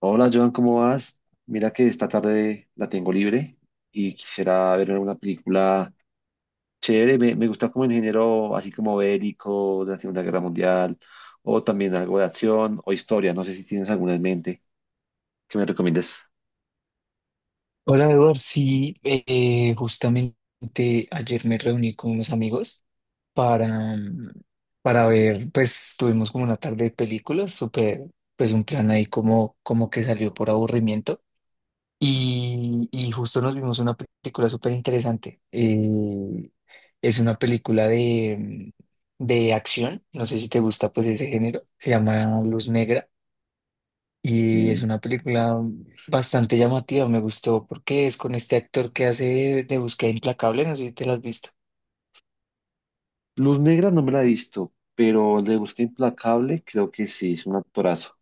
Hola Joan, ¿cómo vas? Mira que esta tarde la tengo libre y quisiera ver una película chévere. Me gusta como en género así como bélico de la Segunda Guerra Mundial o también algo de acción o historia. No sé si tienes alguna en mente que me recomiendes. Hola Eduard, sí, justamente ayer me reuní con unos amigos para, mm, para ver, pues tuvimos como una tarde de películas, súper, pues un plan ahí como, como que salió por aburrimiento y justo nos vimos una película súper interesante. Es una película de acción, no sé si te gusta pues ese género, se llama Luz Negra y es Eh, una película bastante llamativa, me gustó porque es con este actor que hace de Búsqueda Implacable, no sé si te lo has visto. Luz Negra no me la he visto, pero de Busca Implacable creo que sí, es un actorazo.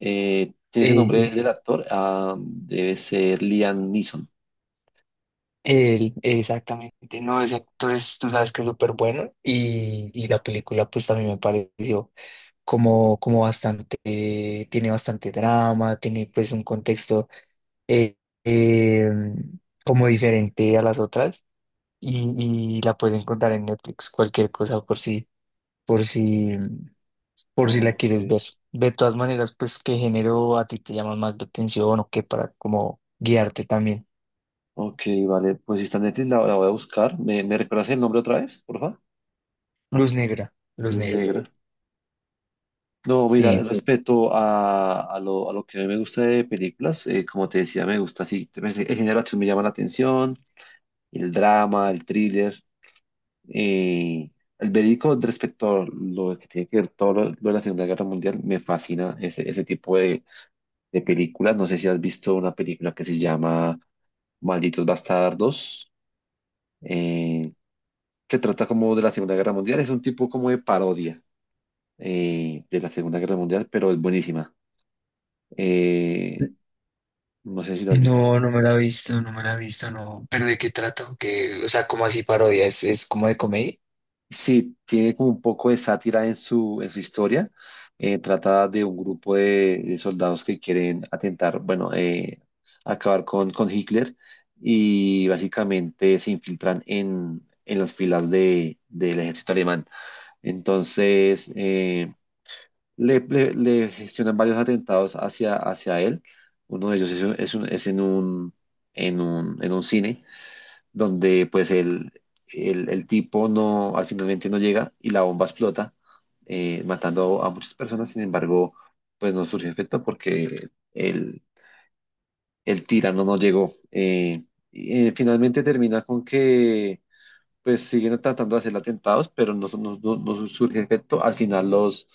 ¿Tienes el nombre del Eh, actor? Ah, debe ser Liam Neeson. Él, exactamente, no, ese actor es, tú sabes que es súper bueno y la película pues también me pareció como, como bastante, tiene bastante drama, tiene pues un contexto eh, eh, como diferente a las otras y la puedes encontrar en Netflix, cualquier cosa por si. por si la Ok. quieres ver. De todas maneras, pues, ¿qué género a ti te llama más la atención o qué para como guiarte también? Ok, vale. Pues si está en Netflix, la voy a buscar. ¿Me recuerdas el nombre otra vez, por favor? Luz negra, luz Luz negra. Negra. Sí, no, mira, sí. Sí. Respecto a a lo que a mí me gusta de películas, como te decía, me gusta así, pues. El género de acción me llama la atención, el drama, el thriller, eh, el verídico respecto a lo que tiene que ver todo lo de la Segunda Guerra Mundial, me fascina ese tipo de películas. No sé si has visto una película que se llama Malditos Bastardos. eh, que trata como de la Segunda Guerra Mundial. Es un tipo como de parodia, de la Segunda Guerra Mundial, pero es buenísima. Eh, no sé si la has visto. No, no me la he visto, no me la he visto, no. ¿Pero de qué trata? Que ¿o sea, como así parodia? Es como de comedia? Sí, tiene como un poco de sátira en en su historia. Trata de un grupo de soldados que quieren atentar, bueno, acabar con Hitler y básicamente se infiltran en las filas del ejército alemán. Entonces, le gestionan varios atentados hacia él. Uno de ellos es, es, es en en en un cine donde pues el tipo no, al finalmente no llega y la bomba explota, matando a muchas personas. Sin embargo, pues no surge efecto porque el tirano no llegó. Finalmente termina con que pues siguen tratando de hacer atentados, pero no, no, no surge efecto. Al final los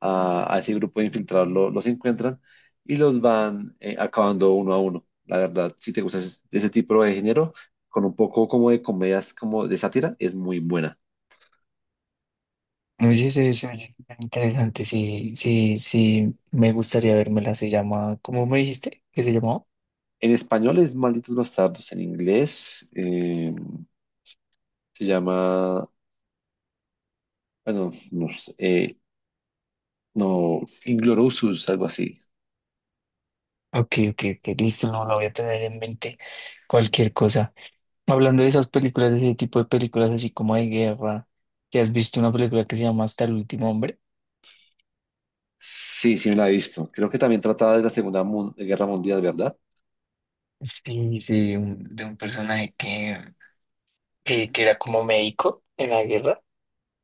a ese grupo de infiltrados los encuentran y los van acabando uno a uno. La verdad, si te gusta ese tipo de género, con un poco como de comedias, como de sátira, es muy buena. Oye, se oye bien interesante, sí, sí, sí, me gustaría vérmela, se llama, ¿cómo me dijiste que se llamó? En español es Malditos Bastardos, en inglés se llama, bueno, no sé, no, Inglourious, algo así. Ok, ok, ok, listo, no la voy a tener en mente, cualquier cosa. Hablando de esas películas, de ese tipo de películas así como de guerra, ¿te has visto una película que se llama Hasta el último hombre? Sí, sí me la he visto. Creo que también trataba de la Guerra Mundial, ¿verdad? Sí, sí, un- de un personaje que era como médico en la guerra,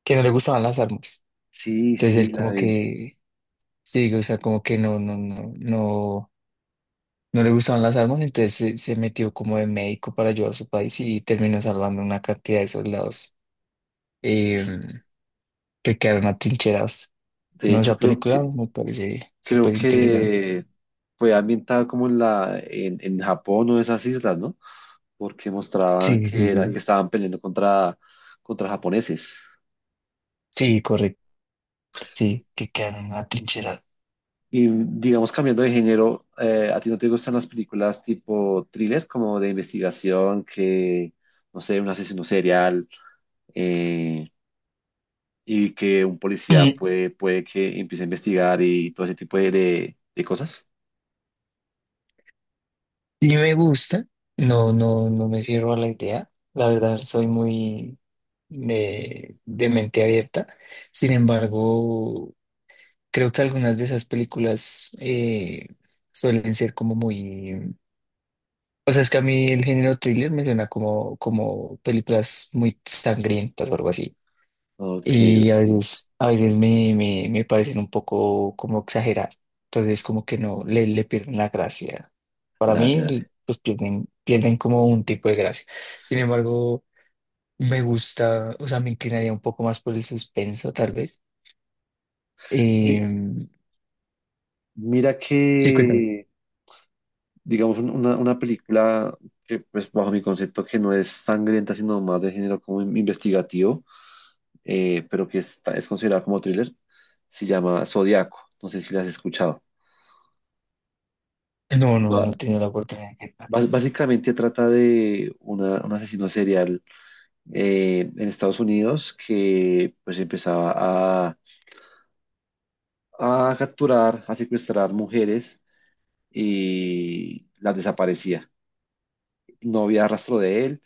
que no le gustaban las armas. Sí, Entonces sí, él la como vi. que, sí, o sea, como que no, no, no, no, no le gustaban las armas, entonces se metió como de médico para ayudar a su país y terminó salvando una cantidad de soldados eh, Es- que quedaron atrincherados. De No, hecho, esa película me parece creo súper interesante. que fue ambientada como en en Japón o esas islas, ¿no? Porque mostraban Sí, sí, que era, sí. que estaban peleando contra japoneses. Sí, correcto, sí, que quedan en la trinchera. Y digamos, cambiando de género, ¿a ti no te gustan las películas tipo thriller, como de investigación, que, no sé, un asesino serial, eh, y que un policía Mm, puede que empiece a investigar y todo ese tipo de, de cosas? y me gusta, no, no, no me cierro a la idea, la verdad soy muy de mente abierta, sin embargo, creo que algunas de esas películas suelen ser como muy... O sea, es que a mí el género thriller me suena como, como películas muy sangrientas o algo así. Ok, Y ok. A veces me parecen un poco como exageradas. Entonces, como que no, le pierden la gracia. Para Dale, mí, dale. pues pierden, pierden como un tipo de gracia. Sin embargo, me gusta, o sea, me inclinaría un poco más por el suspenso, tal vez. Mi- Em, Mira sí, cuéntame. que, digamos, una película que, pues, bajo mi concepto, que no es sangrienta, sino más de género como investigativo, pero que es considerada como thriller, se llama Zodiaco. No sé si la has escuchado. No, no, no Ba- he tenido la oportunidad de tratar. Básicamente trata de un asesino serial, en Estados Unidos que, pues, empezaba a, a capturar, a secuestrar mujeres y las desaparecía. No había rastro de él.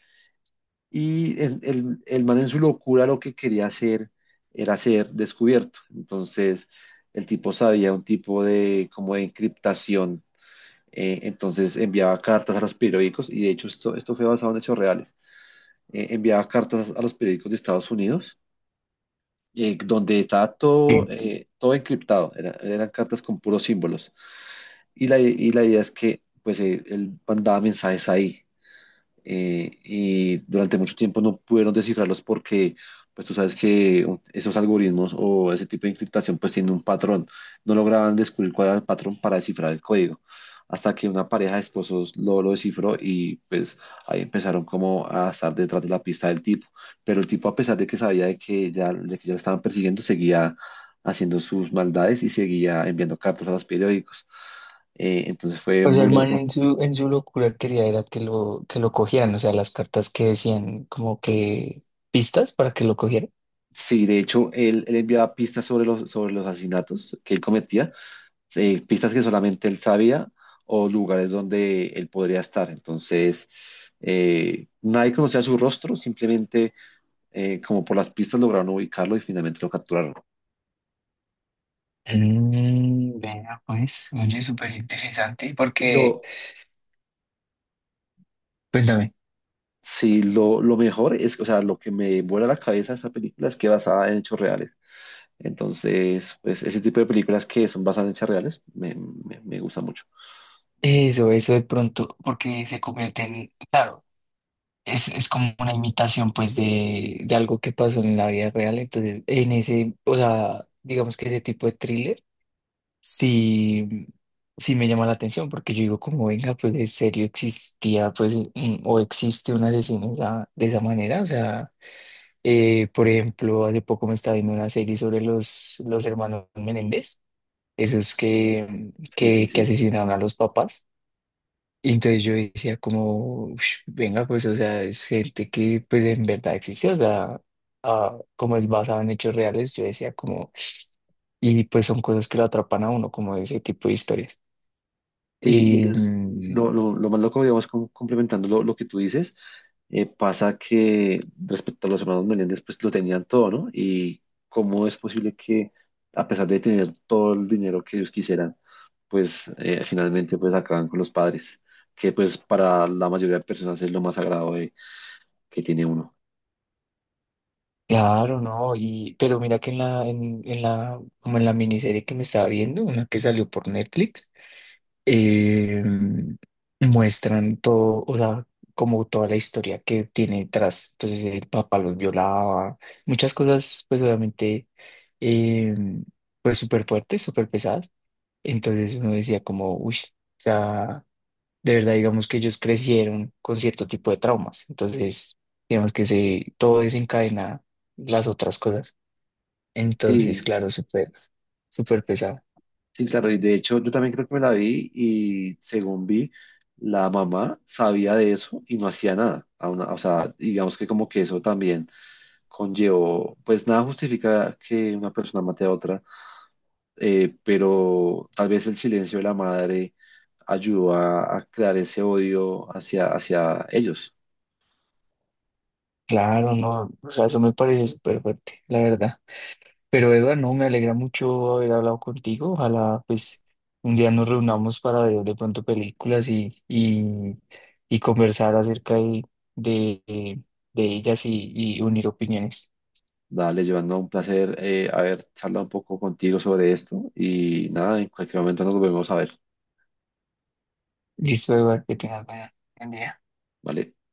Y el man en su locura lo que quería hacer era ser descubierto. Entonces, el tipo sabía un tipo de como de encriptación. Entonces enviaba cartas a los periódicos, y de hecho esto fue basado en hechos reales. Enviaba cartas a los periódicos de Estados Unidos, donde estaba todo, Bien. Todo encriptado. Eran cartas con puros símbolos. Y la idea es que pues, él mandaba mensajes ahí. Y durante mucho tiempo no pudieron descifrarlos porque, pues tú sabes que esos algoritmos o ese tipo de encriptación pues tiene un patrón. No lograban descubrir cuál era el patrón para descifrar el código, hasta que una pareja de esposos lo descifró y pues ahí empezaron como a estar detrás de la pista del tipo. Pero el tipo, a pesar de que sabía de que ya lo estaban persiguiendo, seguía haciendo sus maldades y seguía enviando cartas a los periódicos. Entonces fue O sea, el muy man loco. En su locura quería era que lo cogieran, o sea, las cartas que decían como que pistas para que lo cogieran. Sí, de hecho, él enviaba pistas sobre sobre los asesinatos que él cometía, pistas que solamente él sabía o lugares donde él podría estar. Entonces, nadie conocía su rostro, simplemente como por las pistas lograron ubicarlo y finalmente lo capturaron. Mm, vea, pues, oye, súper interesante, Y porque, lo, cuéntame, sí, lo mejor es, o sea, lo que me vuela la cabeza de esta película es que basada en hechos reales. Entonces, pues ese tipo de películas que son basadas en hechos reales me gusta mucho. eso de pronto, porque se convierte en, claro, es como una imitación, pues, de algo que pasó en la vida real, entonces, en ese, o sea, digamos que ese tipo de thriller, sí, sí me llama la atención, porque yo digo, como, venga, pues, en serio existía, pues, un- o existe un asesino esa- de esa manera, o sea... por ejemplo, hace poco me estaba viendo una serie sobre los hermanos Menéndez, esos Sí, sí, que sí. asesinaron a los papás. Y entonces yo decía como, "Ush, venga, pues, o sea, es gente que pues en verdad existe, o sea, ah, como es basado en hechos reales", yo decía como, y pues son cosas que lo atrapan a uno, como ese tipo de historias. Sí, Y mm, lo más loco, digamos, complementando lo que tú dices, pasa que respecto a los hermanos Meléndez, pues lo tenían todo, ¿no? Y cómo es posible que, a pesar de tener todo el dinero que ellos quisieran, pues finalmente pues acaban con los padres, que pues para la mayoría de personas es lo más que tiene uno. claro, no, y, pero mira que en la, en la, como en la miniserie que me estaba viendo, una que salió por Netflix, eh, muestran todo, o sea, como toda la historia que tiene detrás. Entonces el papá los violaba, muchas cosas, pues obviamente, eh, pues súper fuertes, súper pesadas. Entonces uno decía como, uy, o sea, de verdad digamos que ellos crecieron con cierto tipo de traumas. Entonces, digamos que se, todo desencadena las otras cosas. Entonces, Sí, claro, súper, súper pesado. sí, claro, y de hecho yo también creo que me la vi y según vi, la mamá sabía de eso y no hacía nada. O sea, digamos que como que eso también conllevó, pues nada justifica que una persona mate a otra, pero tal vez el silencio de la madre ayudó a crear ese odio hacia, hacia ellos. Claro, no, o sea, eso me pareció súper fuerte, la verdad. Pero Eduardo, no, me alegra mucho haber hablado contigo. Ojalá pues un día nos reunamos para ver de pronto películas y conversar acerca de, de ellas y unir opiniones. Dale, llevando un placer haber charlado un poco contigo sobre esto y nada, en cualquier momento nos volvemos a ver, Listo, Eduardo, que tengas buena- buen día. ¿vale?